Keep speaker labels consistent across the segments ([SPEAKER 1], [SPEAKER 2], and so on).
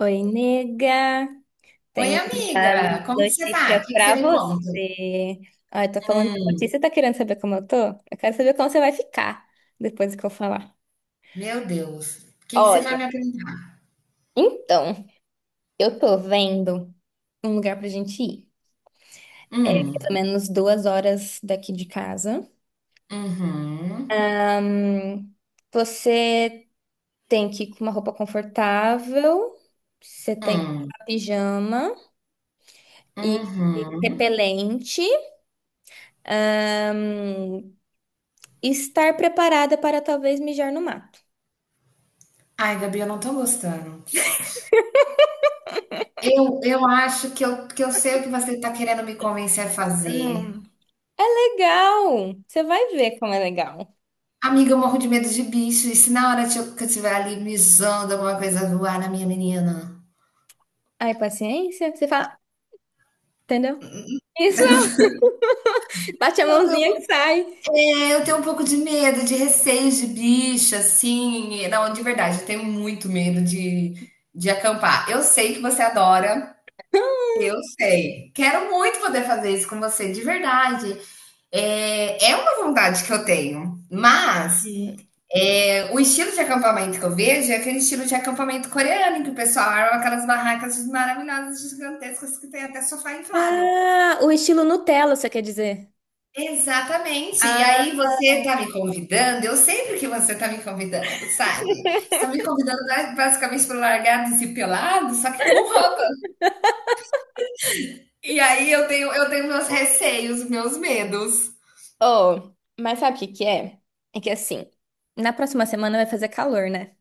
[SPEAKER 1] Oi, nega.
[SPEAKER 2] Oi,
[SPEAKER 1] Tenho uma
[SPEAKER 2] amiga, como que você
[SPEAKER 1] notícia
[SPEAKER 2] tá? O que que você
[SPEAKER 1] pra
[SPEAKER 2] me conta?
[SPEAKER 1] você. Ah, eu tô falando da
[SPEAKER 2] Hum,
[SPEAKER 1] notícia, tá querendo saber como eu tô? Eu quero saber como você vai ficar depois que eu falar.
[SPEAKER 2] meu Deus, o que que você vai
[SPEAKER 1] Olha,
[SPEAKER 2] me apresentar?
[SPEAKER 1] então, eu tô vendo um lugar pra gente ir.
[SPEAKER 2] Hum,
[SPEAKER 1] Pelo menos 2 horas daqui de casa.
[SPEAKER 2] uhum,
[SPEAKER 1] Ahn, você tem que ir com uma roupa confortável, você tem que ir
[SPEAKER 2] hum,
[SPEAKER 1] com pijama e
[SPEAKER 2] uhum.
[SPEAKER 1] repelente. Ahn, Estar preparada para talvez mijar no mato.
[SPEAKER 2] Ai, Gabi, eu não tô gostando. Eu acho que eu sei o que você tá querendo me convencer a fazer.
[SPEAKER 1] Hum. Legal! Você vai ver como é legal.
[SPEAKER 2] Amiga, eu morro de medo de bicho, e se na hora que eu estiver ali me zoando alguma coisa voar na minha menina?
[SPEAKER 1] Aí, paciência, você fala, entendeu? Isso, bate a mãozinha que sai.
[SPEAKER 2] É, eu tenho um pouco de medo, de receio de bicho, assim. Não, de verdade, eu tenho muito medo de acampar. Eu sei que você adora, eu sei. Quero muito poder fazer isso com você, de verdade. É, é uma vontade que eu tenho, mas
[SPEAKER 1] E-
[SPEAKER 2] é, o estilo de acampamento que eu vejo é aquele estilo de acampamento coreano, em que o pessoal arma aquelas barracas maravilhosas, gigantescas, que tem até sofá inflável.
[SPEAKER 1] Ah, o estilo Nutella, você quer dizer?
[SPEAKER 2] Exatamente. E
[SPEAKER 1] Ah,
[SPEAKER 2] aí você está me convidando, eu sempre que você está me convidando, sabe? Você está me convidando basicamente para largados e pelados, só que com roupa. E aí eu tenho meus receios, meus medos.
[SPEAKER 1] oh, mas sabe o que que é? É que assim, na próxima semana vai fazer calor, né?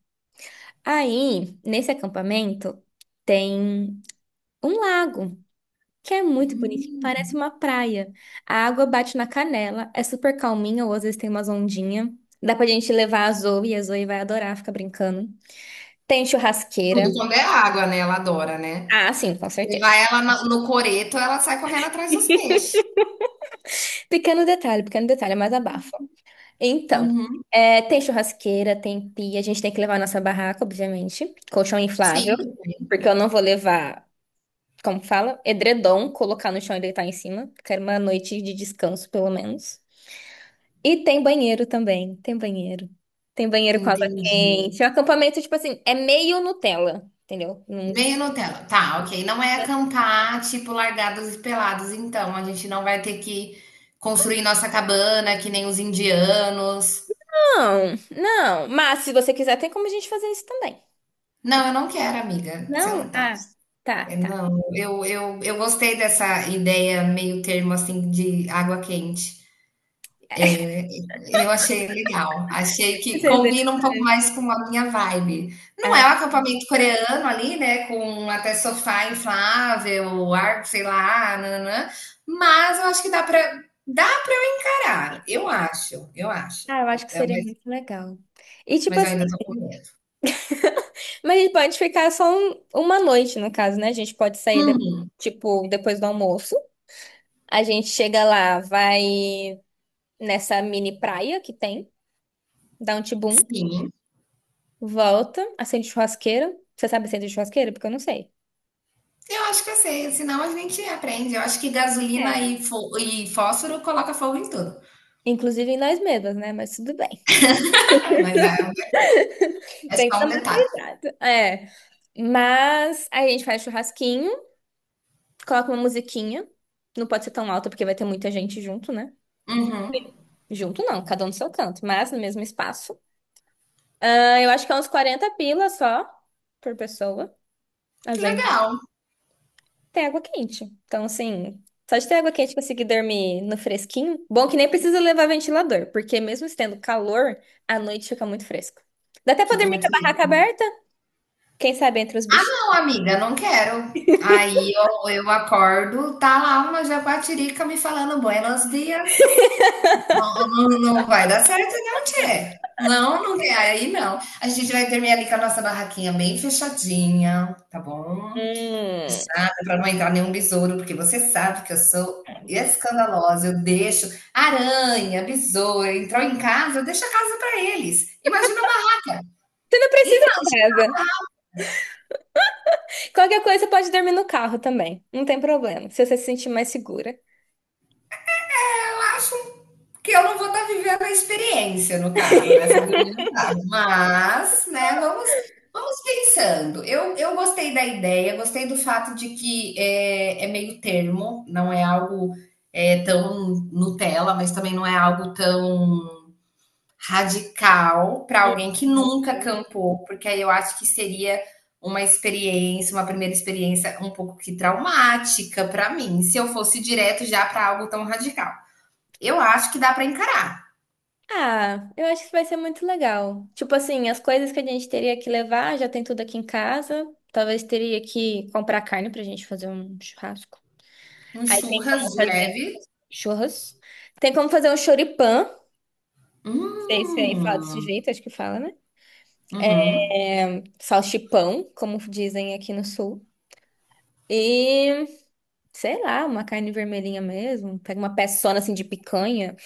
[SPEAKER 1] Aí, nesse acampamento, tem um lago, que é muito bonitinho,
[SPEAKER 2] Hum.
[SPEAKER 1] parece uma praia. A água bate na canela, é super calminha, ou às vezes tem umas ondinhas. Dá pra gente levar a Zoe, e a Zoe vai adorar ficar brincando. Tem
[SPEAKER 2] Tudo
[SPEAKER 1] churrasqueira.
[SPEAKER 2] quando é água, né? Ela adora, né?
[SPEAKER 1] Ah, sim, com
[SPEAKER 2] Levar
[SPEAKER 1] certeza.
[SPEAKER 2] ela no coreto, ela sai correndo atrás dos peixes.
[SPEAKER 1] Pequeno detalhe, mas abafa. Então,
[SPEAKER 2] Uhum.
[SPEAKER 1] é, tem churrasqueira, tem pia, a gente tem que levar a nossa barraca, obviamente. Colchão inflável,
[SPEAKER 2] Sempre.
[SPEAKER 1] porque eu não vou levar, como fala, edredom, colocar no chão e deitar em cima. Quero uma noite de descanso, pelo menos. E tem banheiro também, tem banheiro. Tem banheiro com água
[SPEAKER 2] Entendi.
[SPEAKER 1] quente. O acampamento, tipo assim, é meio Nutella, entendeu? Não,
[SPEAKER 2] Meio Nutella. Tá, ok. Não é cantar, tipo, largados e pelados, então. A gente não vai ter que construir nossa cabana, que nem os indianos.
[SPEAKER 1] não, não. Mas se você quiser, tem como a gente fazer isso também.
[SPEAKER 2] Não,
[SPEAKER 1] Fica-
[SPEAKER 2] eu não quero, amiga. Você
[SPEAKER 1] Não?
[SPEAKER 2] não tá.
[SPEAKER 1] Ah, tá,
[SPEAKER 2] é,
[SPEAKER 1] tá.
[SPEAKER 2] Não, eu gostei dessa ideia meio termo, assim, de água quente. Eu achei legal. Achei que
[SPEAKER 1] Entendeu?
[SPEAKER 2] combina um pouco mais com a minha vibe. Não é
[SPEAKER 1] Ah,
[SPEAKER 2] um acampamento coreano ali, né? Com até sofá inflável, ar, sei lá, nananã. Mas eu acho que dá para parar. Eu acho.
[SPEAKER 1] ah, eu acho que
[SPEAKER 2] É,
[SPEAKER 1] seria muito legal. E tipo
[SPEAKER 2] mas eu
[SPEAKER 1] assim,
[SPEAKER 2] ainda tô com medo.
[SPEAKER 1] mas a gente pode ficar só uma noite, no caso, né? A gente pode sair,
[SPEAKER 2] Uhum,
[SPEAKER 1] tipo, depois do almoço. A gente chega lá, vai nessa mini praia que tem, dá um tibum,
[SPEAKER 2] sim.
[SPEAKER 1] volta, acende churrasqueira. Você sabe acender churrasqueira? Porque eu não sei.
[SPEAKER 2] Eu acho que eu sei, senão a gente aprende. Eu acho que gasolina
[SPEAKER 1] É,
[SPEAKER 2] e, e fósforo coloca fogo em tudo.
[SPEAKER 1] inclusive em nós mesmas, né? Mas tudo bem.
[SPEAKER 2] mas é, é
[SPEAKER 1] Tem
[SPEAKER 2] só
[SPEAKER 1] que
[SPEAKER 2] um
[SPEAKER 1] tomar
[SPEAKER 2] detalhe.
[SPEAKER 1] cuidado. É. Mas aí a gente faz churrasquinho, coloca uma musiquinha. Não pode ser tão alta porque vai ter muita gente junto, né?
[SPEAKER 2] Uhum.
[SPEAKER 1] Junto não, cada um no seu canto, mas no mesmo espaço. Ah, eu acho que é uns 40 pila só por pessoa.
[SPEAKER 2] Legal.
[SPEAKER 1] Tem água quente. Então, assim, só de ter água quente e conseguir dormir no fresquinho. Bom que nem precisa levar ventilador, porque mesmo estando calor, à noite fica muito fresco. Dá até pra
[SPEAKER 2] Fica
[SPEAKER 1] dormir com
[SPEAKER 2] muito
[SPEAKER 1] a barraca aberta, quem sabe entre os bichinhos.
[SPEAKER 2] Não, amiga, não quero. Eu acordo, tá lá uma japatirica me falando buenos dias. Não, não vai dar certo, não, tchê. Não, não quer. Aí não. A gente vai dormir ali com a nossa barraquinha bem fechadinha, tá bom?
[SPEAKER 1] Hum.
[SPEAKER 2] Fechada, pra não entrar nenhum besouro, porque você sabe que eu sou escandalosa. Eu deixo aranha, besouro, entrou em casa, eu deixo a casa pra eles. Imagina a barraca.
[SPEAKER 1] Você não
[SPEAKER 2] E
[SPEAKER 1] precisa de casa. Qualquer coisa, você pode dormir no carro também. Não tem problema, se você se sentir mais segura.
[SPEAKER 2] eu acho um Porque eu não vou estar vivendo a experiência, no caso, né? Se eu dormir no carro. Mas, né, vamos, vamos pensando. Eu gostei da ideia, gostei do fato de que é, é meio termo, não é algo é, tão Nutella, mas também não é algo tão radical para alguém que
[SPEAKER 1] Uhum.
[SPEAKER 2] nunca campou, porque aí eu acho que seria uma experiência, uma primeira experiência um pouco que traumática para mim, se eu fosse direto já para algo tão radical. Eu acho que dá para encarar.
[SPEAKER 1] Ah, eu acho que vai ser muito legal. Tipo assim, as coisas que a gente teria que levar, já tem tudo aqui em casa. Talvez teria que comprar carne pra gente fazer um churrasco.
[SPEAKER 2] Um
[SPEAKER 1] Aí tem
[SPEAKER 2] churras
[SPEAKER 1] como
[SPEAKER 2] de
[SPEAKER 1] fazer
[SPEAKER 2] leve.
[SPEAKER 1] churros. Tem como fazer um choripã. Sei se aí fala desse
[SPEAKER 2] Hum,
[SPEAKER 1] jeito, acho que fala, né?
[SPEAKER 2] uhum.
[SPEAKER 1] É, salchipão, como dizem aqui no sul. E, sei lá, uma carne vermelhinha mesmo. Pega uma peçona assim de picanha.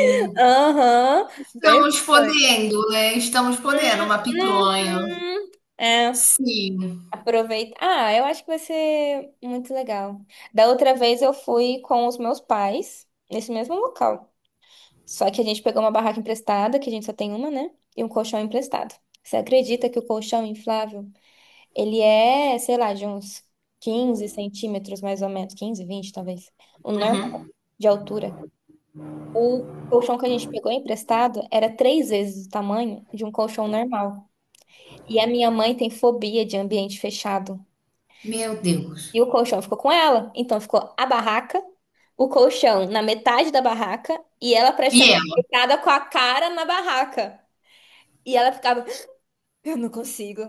[SPEAKER 1] Aham, bem
[SPEAKER 2] estamos
[SPEAKER 1] picanha.
[SPEAKER 2] podendo, né? Estamos podendo uma picanha.
[SPEAKER 1] Uhum. É,
[SPEAKER 2] Sim.
[SPEAKER 1] aproveita. Ah, eu acho que vai ser muito legal. Da outra vez eu fui com os meus pais, nesse mesmo local. Só que a gente pegou uma barraca emprestada, que a gente só tem uma, né? E um colchão emprestado. Você acredita que o colchão inflável, ele é, sei lá, de uns 15 centímetros, mais ou menos, 15, 20 talvez, o normal
[SPEAKER 2] Uhum.
[SPEAKER 1] de altura. O colchão que a gente pegou emprestado era 3 vezes o tamanho de um colchão normal. E a minha mãe tem fobia de ambiente fechado.
[SPEAKER 2] Meu Deus.
[SPEAKER 1] E o colchão ficou com ela. Então ficou a barraca, o colchão na metade da barraca e ela
[SPEAKER 2] E
[SPEAKER 1] praticamente
[SPEAKER 2] ela?
[SPEAKER 1] deitada com a cara na barraca. E ela ficava, eu não consigo,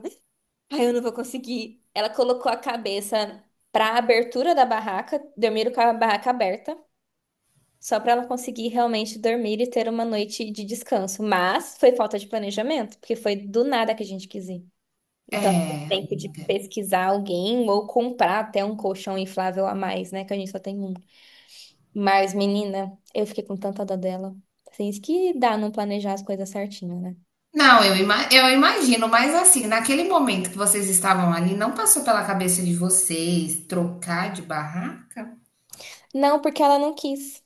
[SPEAKER 1] ai, eu não vou conseguir. Ela colocou a cabeça para a abertura da barraca, dormiram com a barraca aberta, só para ela conseguir realmente dormir e ter uma noite de descanso. Mas foi falta de planejamento, porque foi do nada que a gente quis ir. Então, não teve
[SPEAKER 2] É.
[SPEAKER 1] tempo de pesquisar alguém ou comprar até um colchão inflável a mais, né? Que a gente só tem um. Mas, menina, eu fiquei com tanta dó dela. Assim, isso que dá não planejar as coisas certinho, né?
[SPEAKER 2] Não, eu, eu imagino, mas assim, naquele momento que vocês estavam ali, não passou pela cabeça de vocês trocar de barraca?
[SPEAKER 1] Não, porque ela não quis.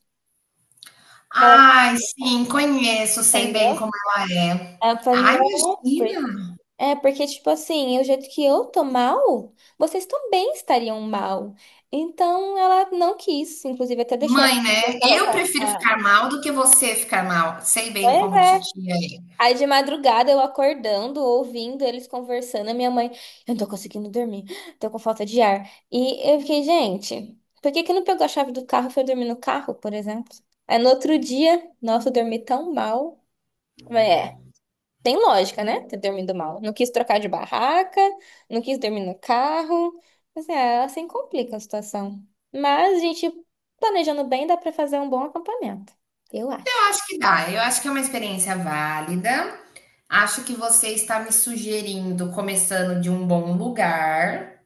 [SPEAKER 1] Ela,
[SPEAKER 2] Ai, sim, conheço, sei bem
[SPEAKER 1] entendeu?
[SPEAKER 2] como ela é.
[SPEAKER 1] Aí eu falei,
[SPEAKER 2] Ai,
[SPEAKER 1] não.
[SPEAKER 2] imagina.
[SPEAKER 1] É, porque, tipo assim, o jeito que eu tô mal, vocês também estariam mal. Então, ela não quis. Inclusive, até deixei ela.
[SPEAKER 2] Mãe, né? Eu prefiro
[SPEAKER 1] Ah,
[SPEAKER 2] ficar mal do que você ficar mal. Sei bem
[SPEAKER 1] pois
[SPEAKER 2] como
[SPEAKER 1] é.
[SPEAKER 2] titia é.
[SPEAKER 1] Aí, de madrugada, eu acordando, ouvindo eles conversando, a minha mãe, eu não tô conseguindo dormir, tô com falta de ar. E eu fiquei, gente, por que que não pegou a chave do carro e foi dormir no carro, por exemplo? Aí, no outro dia, nossa, eu dormi tão mal. É. Tem lógica, né? Ter dormido mal. Não quis trocar de barraca, não quis dormir no carro. Assim, é, assim complica a situação. Mas a gente, planejando bem, dá pra fazer um bom acampamento. Eu
[SPEAKER 2] Eu
[SPEAKER 1] acho.
[SPEAKER 2] acho que dá. Eu acho que é uma experiência válida. Acho que você está me sugerindo começando de um bom lugar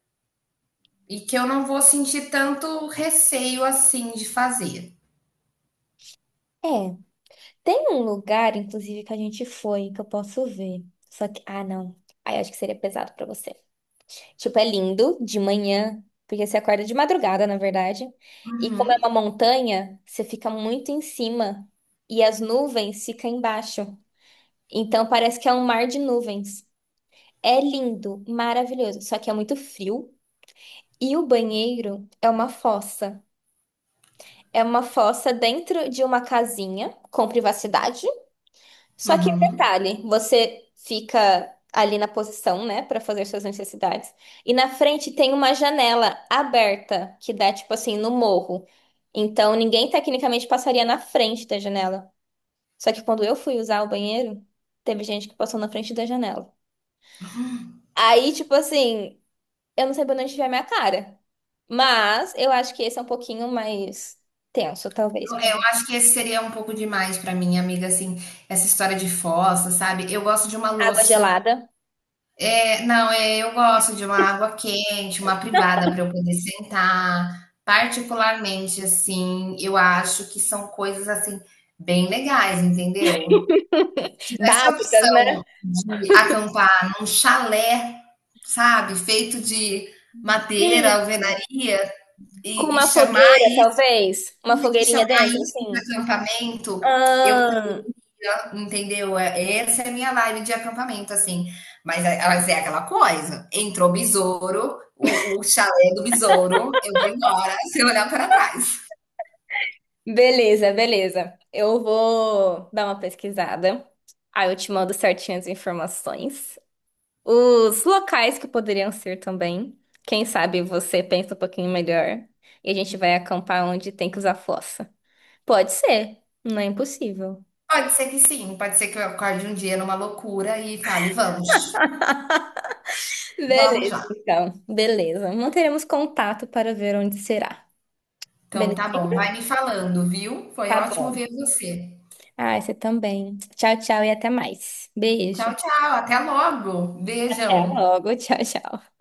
[SPEAKER 2] e que eu não vou sentir tanto receio assim de fazer.
[SPEAKER 1] É. Tem um lugar, inclusive, que a gente foi, que eu posso ver. Só que, ah, não. Aí eu acho que seria pesado pra você. Tipo, é lindo de manhã, porque você acorda de madrugada, na verdade. E como é
[SPEAKER 2] Uhum,
[SPEAKER 1] uma montanha, você fica muito em cima. E as nuvens ficam embaixo. Então parece que é um mar de nuvens. É lindo, maravilhoso, só que é muito frio. E o banheiro é uma fossa. É uma fossa dentro de uma casinha com privacidade. Só que
[SPEAKER 2] uhum.
[SPEAKER 1] detalhe, você fica ali na posição, né, para fazer suas necessidades. E na frente tem uma janela aberta que dá tipo assim no morro. Então ninguém tecnicamente passaria na frente da janela. Só que quando eu fui usar o banheiro, teve gente que passou na frente da janela. Aí, tipo assim, eu não sei pra onde tiver minha cara. Mas eu acho que esse é um pouquinho mais tenso,
[SPEAKER 2] Eu,
[SPEAKER 1] talvez.
[SPEAKER 2] eu acho que esse seria um pouco demais para mim, amiga, assim, essa história de fossa, sabe? Eu gosto de uma
[SPEAKER 1] Água
[SPEAKER 2] louça
[SPEAKER 1] gelada.
[SPEAKER 2] É, não, é, eu gosto de uma água quente, uma privada para eu poder sentar. Particularmente, assim, eu acho que são coisas assim bem legais, entendeu? Se tivesse a
[SPEAKER 1] Básicas, né?
[SPEAKER 2] opção de acampar num chalé, sabe, feito de madeira,
[SPEAKER 1] Hum,
[SPEAKER 2] alvenaria
[SPEAKER 1] com
[SPEAKER 2] e
[SPEAKER 1] uma
[SPEAKER 2] chamar
[SPEAKER 1] fogueira, talvez. Uma
[SPEAKER 2] isso
[SPEAKER 1] fogueirinha
[SPEAKER 2] chamar
[SPEAKER 1] dentro,
[SPEAKER 2] isso de
[SPEAKER 1] assim.
[SPEAKER 2] acampamento, eu
[SPEAKER 1] Ahn,
[SPEAKER 2] Entendeu? É- Essa é a minha vibe de acampamento, assim. Mas é- elas é aquela coisa. Entrou besouro, o chalé do besouro, eu vou embora sem olhar para trás.
[SPEAKER 1] beleza, beleza. Eu vou dar uma pesquisada. Aí eu te mando certinho as informações. Os locais que poderiam ser também. Quem sabe você pensa um pouquinho melhor. E a gente vai acampar onde tem que usar fossa. Pode ser, não é impossível.
[SPEAKER 2] Pode ser que sim, pode ser que eu acorde um dia numa loucura e fale, vamos, vamos
[SPEAKER 1] Beleza,
[SPEAKER 2] lá.
[SPEAKER 1] então. Beleza. Manteremos contato para ver onde será.
[SPEAKER 2] Então tá bom,
[SPEAKER 1] Belezinha?
[SPEAKER 2] vai me falando, viu? Foi
[SPEAKER 1] Tá
[SPEAKER 2] ótimo
[SPEAKER 1] bom.
[SPEAKER 2] ver você.
[SPEAKER 1] Ah, você também. Tchau, tchau e até mais.
[SPEAKER 2] Tchau,
[SPEAKER 1] Beijo.
[SPEAKER 2] tchau, até logo.
[SPEAKER 1] Até
[SPEAKER 2] Beijão.
[SPEAKER 1] logo. Tchau, tchau.